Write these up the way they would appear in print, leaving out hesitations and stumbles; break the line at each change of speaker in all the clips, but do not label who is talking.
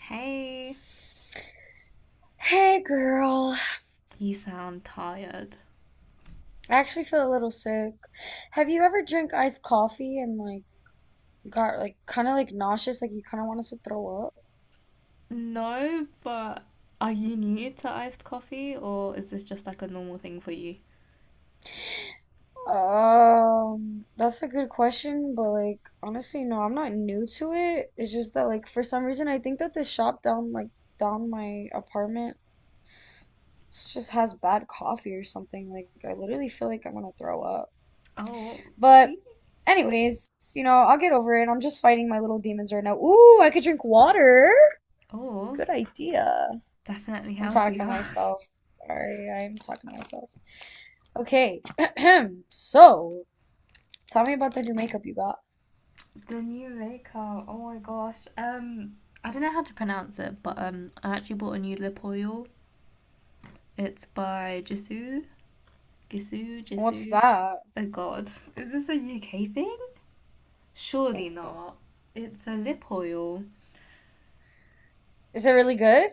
Hey,
Hey girl,
you sound tired.
I actually feel a little sick. Have you ever drank iced coffee and got kind of nauseous, like you kind of wanted to throw up?
No, but are you new to iced coffee or is this just like a normal thing for you?
That's a good question, but like honestly, no, I'm not new to it. It's just that like for some reason I think that this shop down my apartment just has bad coffee or something. Like I literally feel like I'm gonna throw up.
Oh,
But anyways, I'll get over it. I'm just fighting my little demons right now. Ooh, I could drink water.
oh,
Good idea.
definitely
I'm talking to
healthier.
myself. Sorry, I'm talking to myself. Okay, so tell me about the new makeup you got.
the new maker. Oh my gosh. I don't know how to pronounce it, but I actually bought a new lip oil. It's by Jisoo, Gisoo,
What's
Jisoo.
that?
Oh God, is this a UK thing? Surely not. It's a lip oil.
Is it really good?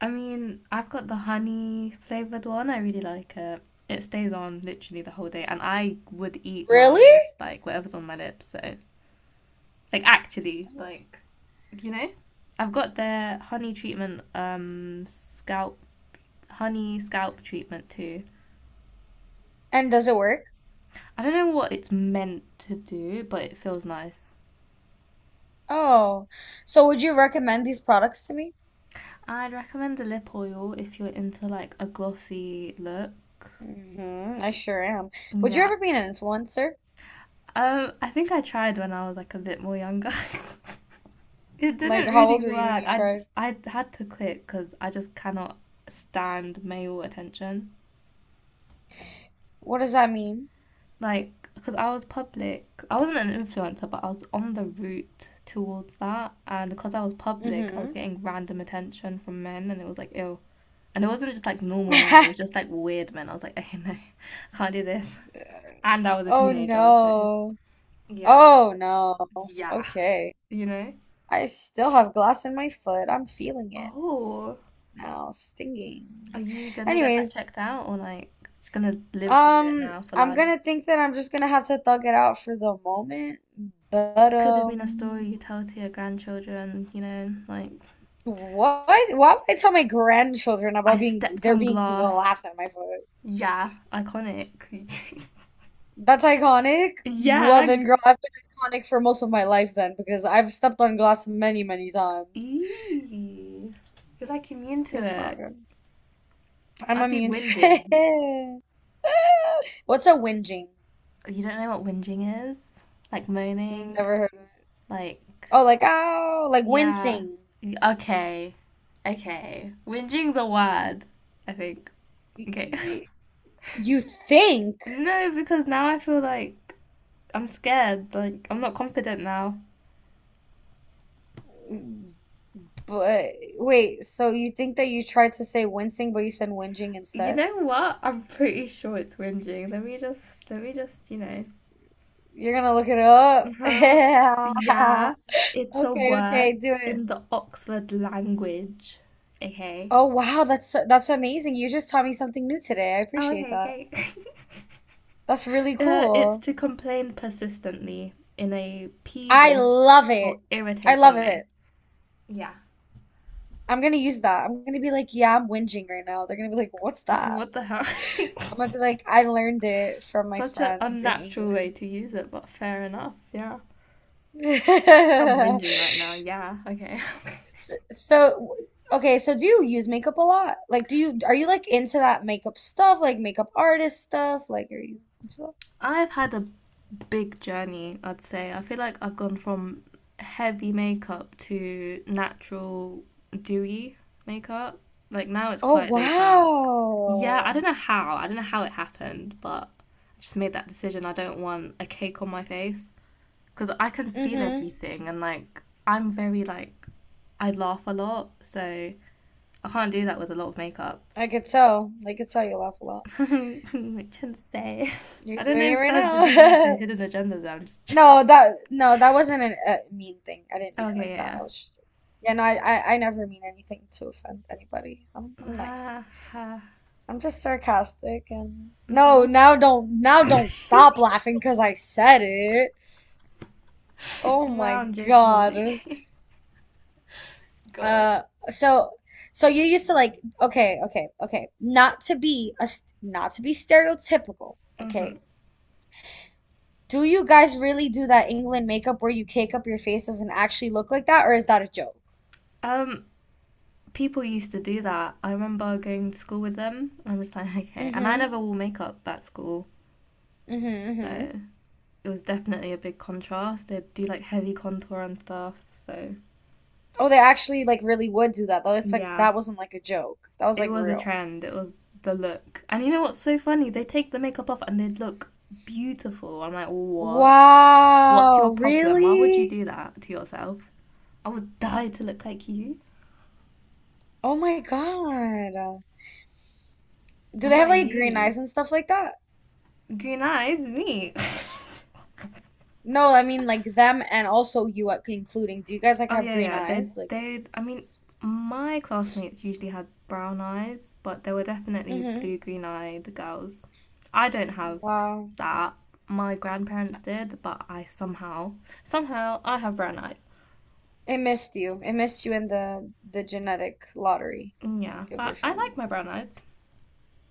I mean, I've got the honey flavored one. I really like it. It stays on literally the whole day, and I would eat
Really?
my like whatever's on my lips. So, like actually, like you know, I've got their honey treatment, scalp honey scalp treatment too.
And does it work?
I don't know what it's meant to do, but it feels nice.
Oh, so would you recommend these products to me?
I'd recommend the lip oil if you're into like a glossy look.
Mm-hmm, I sure am. Would you
Yeah.
ever be an influencer?
I think I tried when I was like a bit more younger. It
Like,
didn't
how old
really
were you when
work.
you
I
tried?
I had to quit because I just cannot stand male attention.
What does that mean?
Like, because I was public, I wasn't an influencer, but I was on the route towards that, and because I was public, I was
Mm-hmm.
getting random attention from men, and it was like ill. And it wasn't just like normal men; it was just like weird men. I was like, hey, no, I can't do this. And I was a
Oh
teenager, so
no.
yeah,
Oh no.
yeah,
Okay.
you know.
I still have glass in my foot. I'm feeling it
Oh,
now,
are
stinging.
you gonna get that checked
Anyways,
out, or like just gonna live with it now for
I'm
life?
gonna think that I'm just gonna have to thug it out for the moment. But
Could have been a story you tell to your grandchildren, like,
what? Why would I tell my grandchildren
I
about
stepped on
being
glass.
glass in my foot?
Yeah, iconic.
That's iconic. Well
yeah.
then, girl, I've been iconic for most of my life then because I've stepped on glass many, many times.
Eee. You're like immune to
It's not
it.
good. I'm
I'd be
immune to
whinging.
it. What's a whinging?
You don't know what whinging is? Like moaning?
Never heard of.
Like,
Oh, like
yeah.
wincing.
Okay. Okay. Whinging's a word, I think.
Y
Okay.
y You think,
no, because now I feel like I'm scared. Like, I'm not confident now.
but wait. So you think that you tried to say wincing, but you said whinging
You
instead?
know what? I'm pretty sure it's whinging. Let me just,
You're gonna look it up.
Uh-huh. Yeah, it's a
Okay,
word
okay, do it.
in the Oxford language. Okay.
Oh wow, that's amazing. You just taught me something new today. I
Oh,
appreciate
okay,
that.
okay.
That's really
It's
cool.
to complain persistently in a
I
peevish
love it.
or
I
irritating
love it.
way. Yeah.
I'm gonna use that. I'm gonna be like, yeah, I'm whinging right now. They're gonna be like, what's that?
What the hell?
I'm gonna be like, I learned it from my
Such an
friend in
unnatural way
England.
to use it, but fair enough. Yeah. I'm whinging right now. Yeah. Okay.
So, so, okay, so do you use makeup a lot? Like, are you like into that makeup stuff, like makeup artist stuff? Like, are you into that?
I've had a big journey, I'd say. I feel like I've gone from heavy makeup to natural, dewy makeup. Like now it's
Oh,
quite laid back. Yeah, I
wow.
don't know how. I don't know how it happened, but I just made that decision. I don't want a cake on my face because I can feel
Mm-hmm.
everything and like I'm very like I laugh a lot, so I can't do that with a lot of makeup.
I could tell. I could tell you laugh a lot.
Which can say.
You're
I don't know
doing it
if
right
that, there's even like a
now.
hidden agenda there. I'm just
No, that wasn't a mean thing. I didn't mean it
Okay,
like that.
yeah,
Yeah, no, I never mean anything to offend anybody.
yeah.
I'm nice.
Ha ha.
I'm just sarcastic and no,
Mhm.
now don't stop laughing because I said it. Oh
no,
my
I'm joking. I'm
God.
joking. God.
Uh, so so you used to like okay, okay, okay. Not to be stereotypical,
Mhm.
okay. Do you guys really do that England makeup where you cake up your faces and actually look like that, or is that a joke?
Um, people used to do that. I remember going to school with them. I'm just like, okay. And I
Mm-hmm.
never wore makeup at school,
Mm-hmm. Mm-hmm.
so it was definitely a big contrast. They'd do like heavy contour and stuff. So
Oh, they actually like really would do that though. It's like
yeah,
that wasn't like a joke. That was
it
like
was a
real.
trend. It was the look. And you know what's so funny? They take the makeup off and they'd look beautiful. I'm like, what? What's your
Wow,
problem? Why would you
really?
do that to yourself? I would die to look like you.
Oh my God. Do
What
they have
about
like green
you?
eyes and stuff like that?
Green eyes, me.
No, I mean like them and also you at including. Do you guys like
Oh
have
yeah,
green
yeah. They
eyes? Like,
they I mean, my classmates usually had brown eyes, but there were definitely
hmm.
blue green eyed girls. I don't have
Wow.
that. My grandparents did, but I somehow I have brown eyes.
It missed you. It missed you in the genetic lottery
Yeah,
of your
but I like
family.
my brown eyes.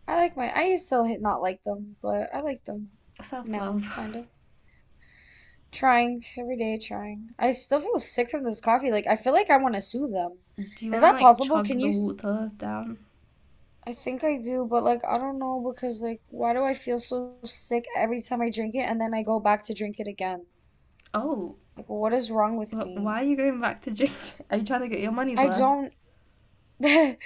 I like my I used to hit not like them, but I like them
Self
now,
love.
kind of. Trying every day, trying. I still feel sick from this coffee. Like I feel like I want to sue them.
Do you
Is
want to
that
like
possible?
chug the water down?
I think I do, but like I don't know because like why do I feel so sick every time I drink it and then I go back to drink it again?
Oh,
Like what is wrong with
wh-
me?
why are you going back to drink? Are you trying to get your money's
I
worth?
don't I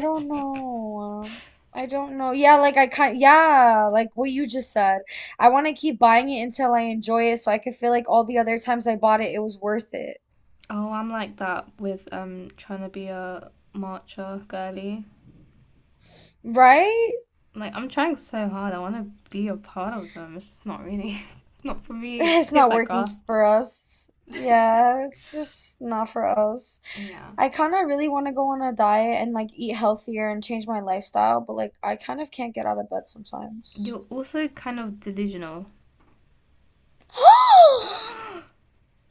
don't know. I don't know. Yeah, like I kind yeah, like what you just said. I want to keep buying it until I enjoy it so I could feel like all the other times I bought it it was worth it.
oh, I'm like that with trying to be a marcher girly.
Right?
Like I'm trying so hard. I want to be a part of them. It's just not really. It's not for me. It just
It's
tastes
not
like
working
grass.
for us. Yeah, it's just not for us.
Yeah.
I kind of really want to go on a diet and like eat healthier and change my lifestyle, but like I kind of can't get out of bed sometimes.
You're also kind of delusional.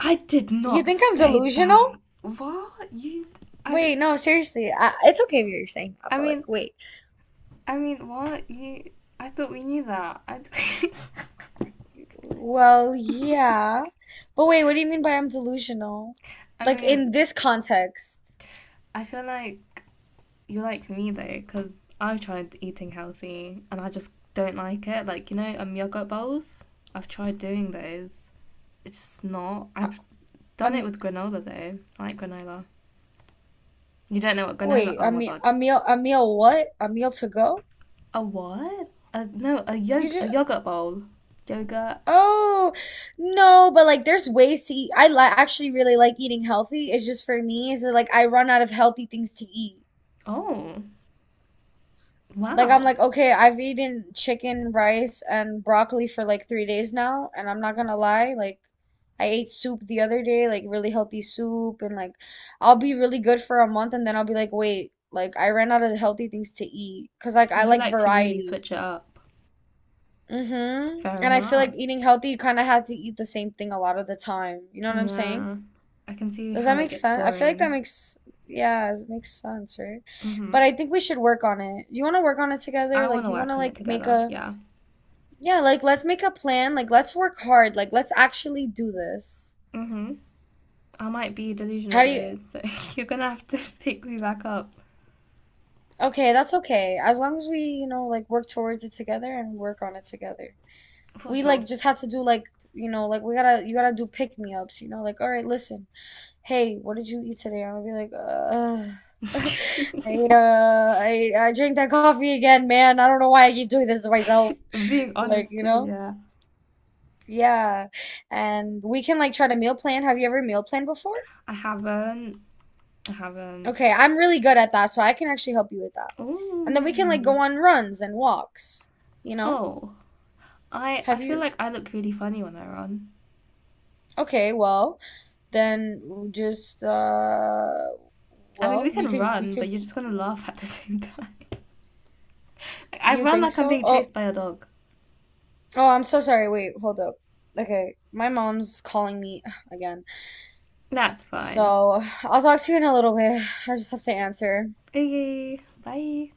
I did
You
not
think I'm
say that.
delusional?
What you? I.
Wait, no, seriously. It's okay if you're saying that,
I
but
mean.
like, wait.
I mean. What you? I thought we knew that. I.
Well, yeah. But wait, what do you mean by I'm delusional?
I
Like
mean.
in this context.
I feel like You're like me though, because I've tried eating healthy and I just don't like it. Like, yogurt bowls, I've tried doing those. It's just not.
I,
I've
I
done it
mean,
with granola though. I like granola. You don't know what granola?
wait,
Oh
I
my
mean,
god.
a meal what? A meal to go?
A what? A, no, a
You
yog a
just
yogurt bowl. Yogurt.
Oh, no, but like there's ways to eat. I li actually really like eating healthy. It's just for me is that like I run out of healthy things to eat.
Oh,
Like I'm
wow.
like, okay, I've eaten chicken, rice, and broccoli for like 3 days now, and I'm not gonna lie, like I ate soup the other day, like really healthy soup, and like I'll be really good for a month and then I'll be like, wait, like I ran out of healthy things to eat. 'Cause like
So
I
you
like
like to really
variety.
switch it up.
Mm-hmm.
Fair
And I feel
enough.
like eating healthy, you kind of have to eat the same thing a lot of the time. You know what I'm saying?
Yeah. I can see
Does
how
that
it
make
gets
sense? I feel like that
boring.
makes, yeah, it makes sense, right? But
Mm-hmm.
I think we should work on it. You want to work on it together?
I want to
You want to
work on it
make
together.
a,
Yeah.
yeah, like let's make a plan. Like, let's work hard. Like, let's actually do this.
Mm-hmm. I might be delusional
How do you,
though, so you're gonna have to pick me back up
okay, that's okay. As long as we, you know, like work towards it together and work on it together.
for
We
sure.
like just have to do like, you know, like you gotta do pick me ups, you know, like, all right, listen. Hey, what did you eat today? I'm gonna be like, I drink that coffee again, man. I don't know why I keep doing this to myself.
I'm being
Like,
honest
you
too,
know?
yeah.
Yeah. And we can like try to meal plan. Have you ever meal planned before?
I haven't. I haven't.
Okay, I'm really good at that, so I can actually help you with that. And then we can like go
Oh.
on runs and walks, you know?
Oh. I
Have
feel
you?
like I look really funny when I run.
Okay, well, then just
I mean, we
well,
can
we
run, but
could
you're just gonna laugh at the same time. I
you
run
think
like I'm
so?
being
Oh,
chased by a dog.
oh, I'm so sorry. Wait, hold up. Okay, my mom's calling me again.
That's fine.
So I'll talk to you in a little bit. I just have to answer.
Okay. Bye.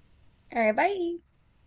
All right, bye.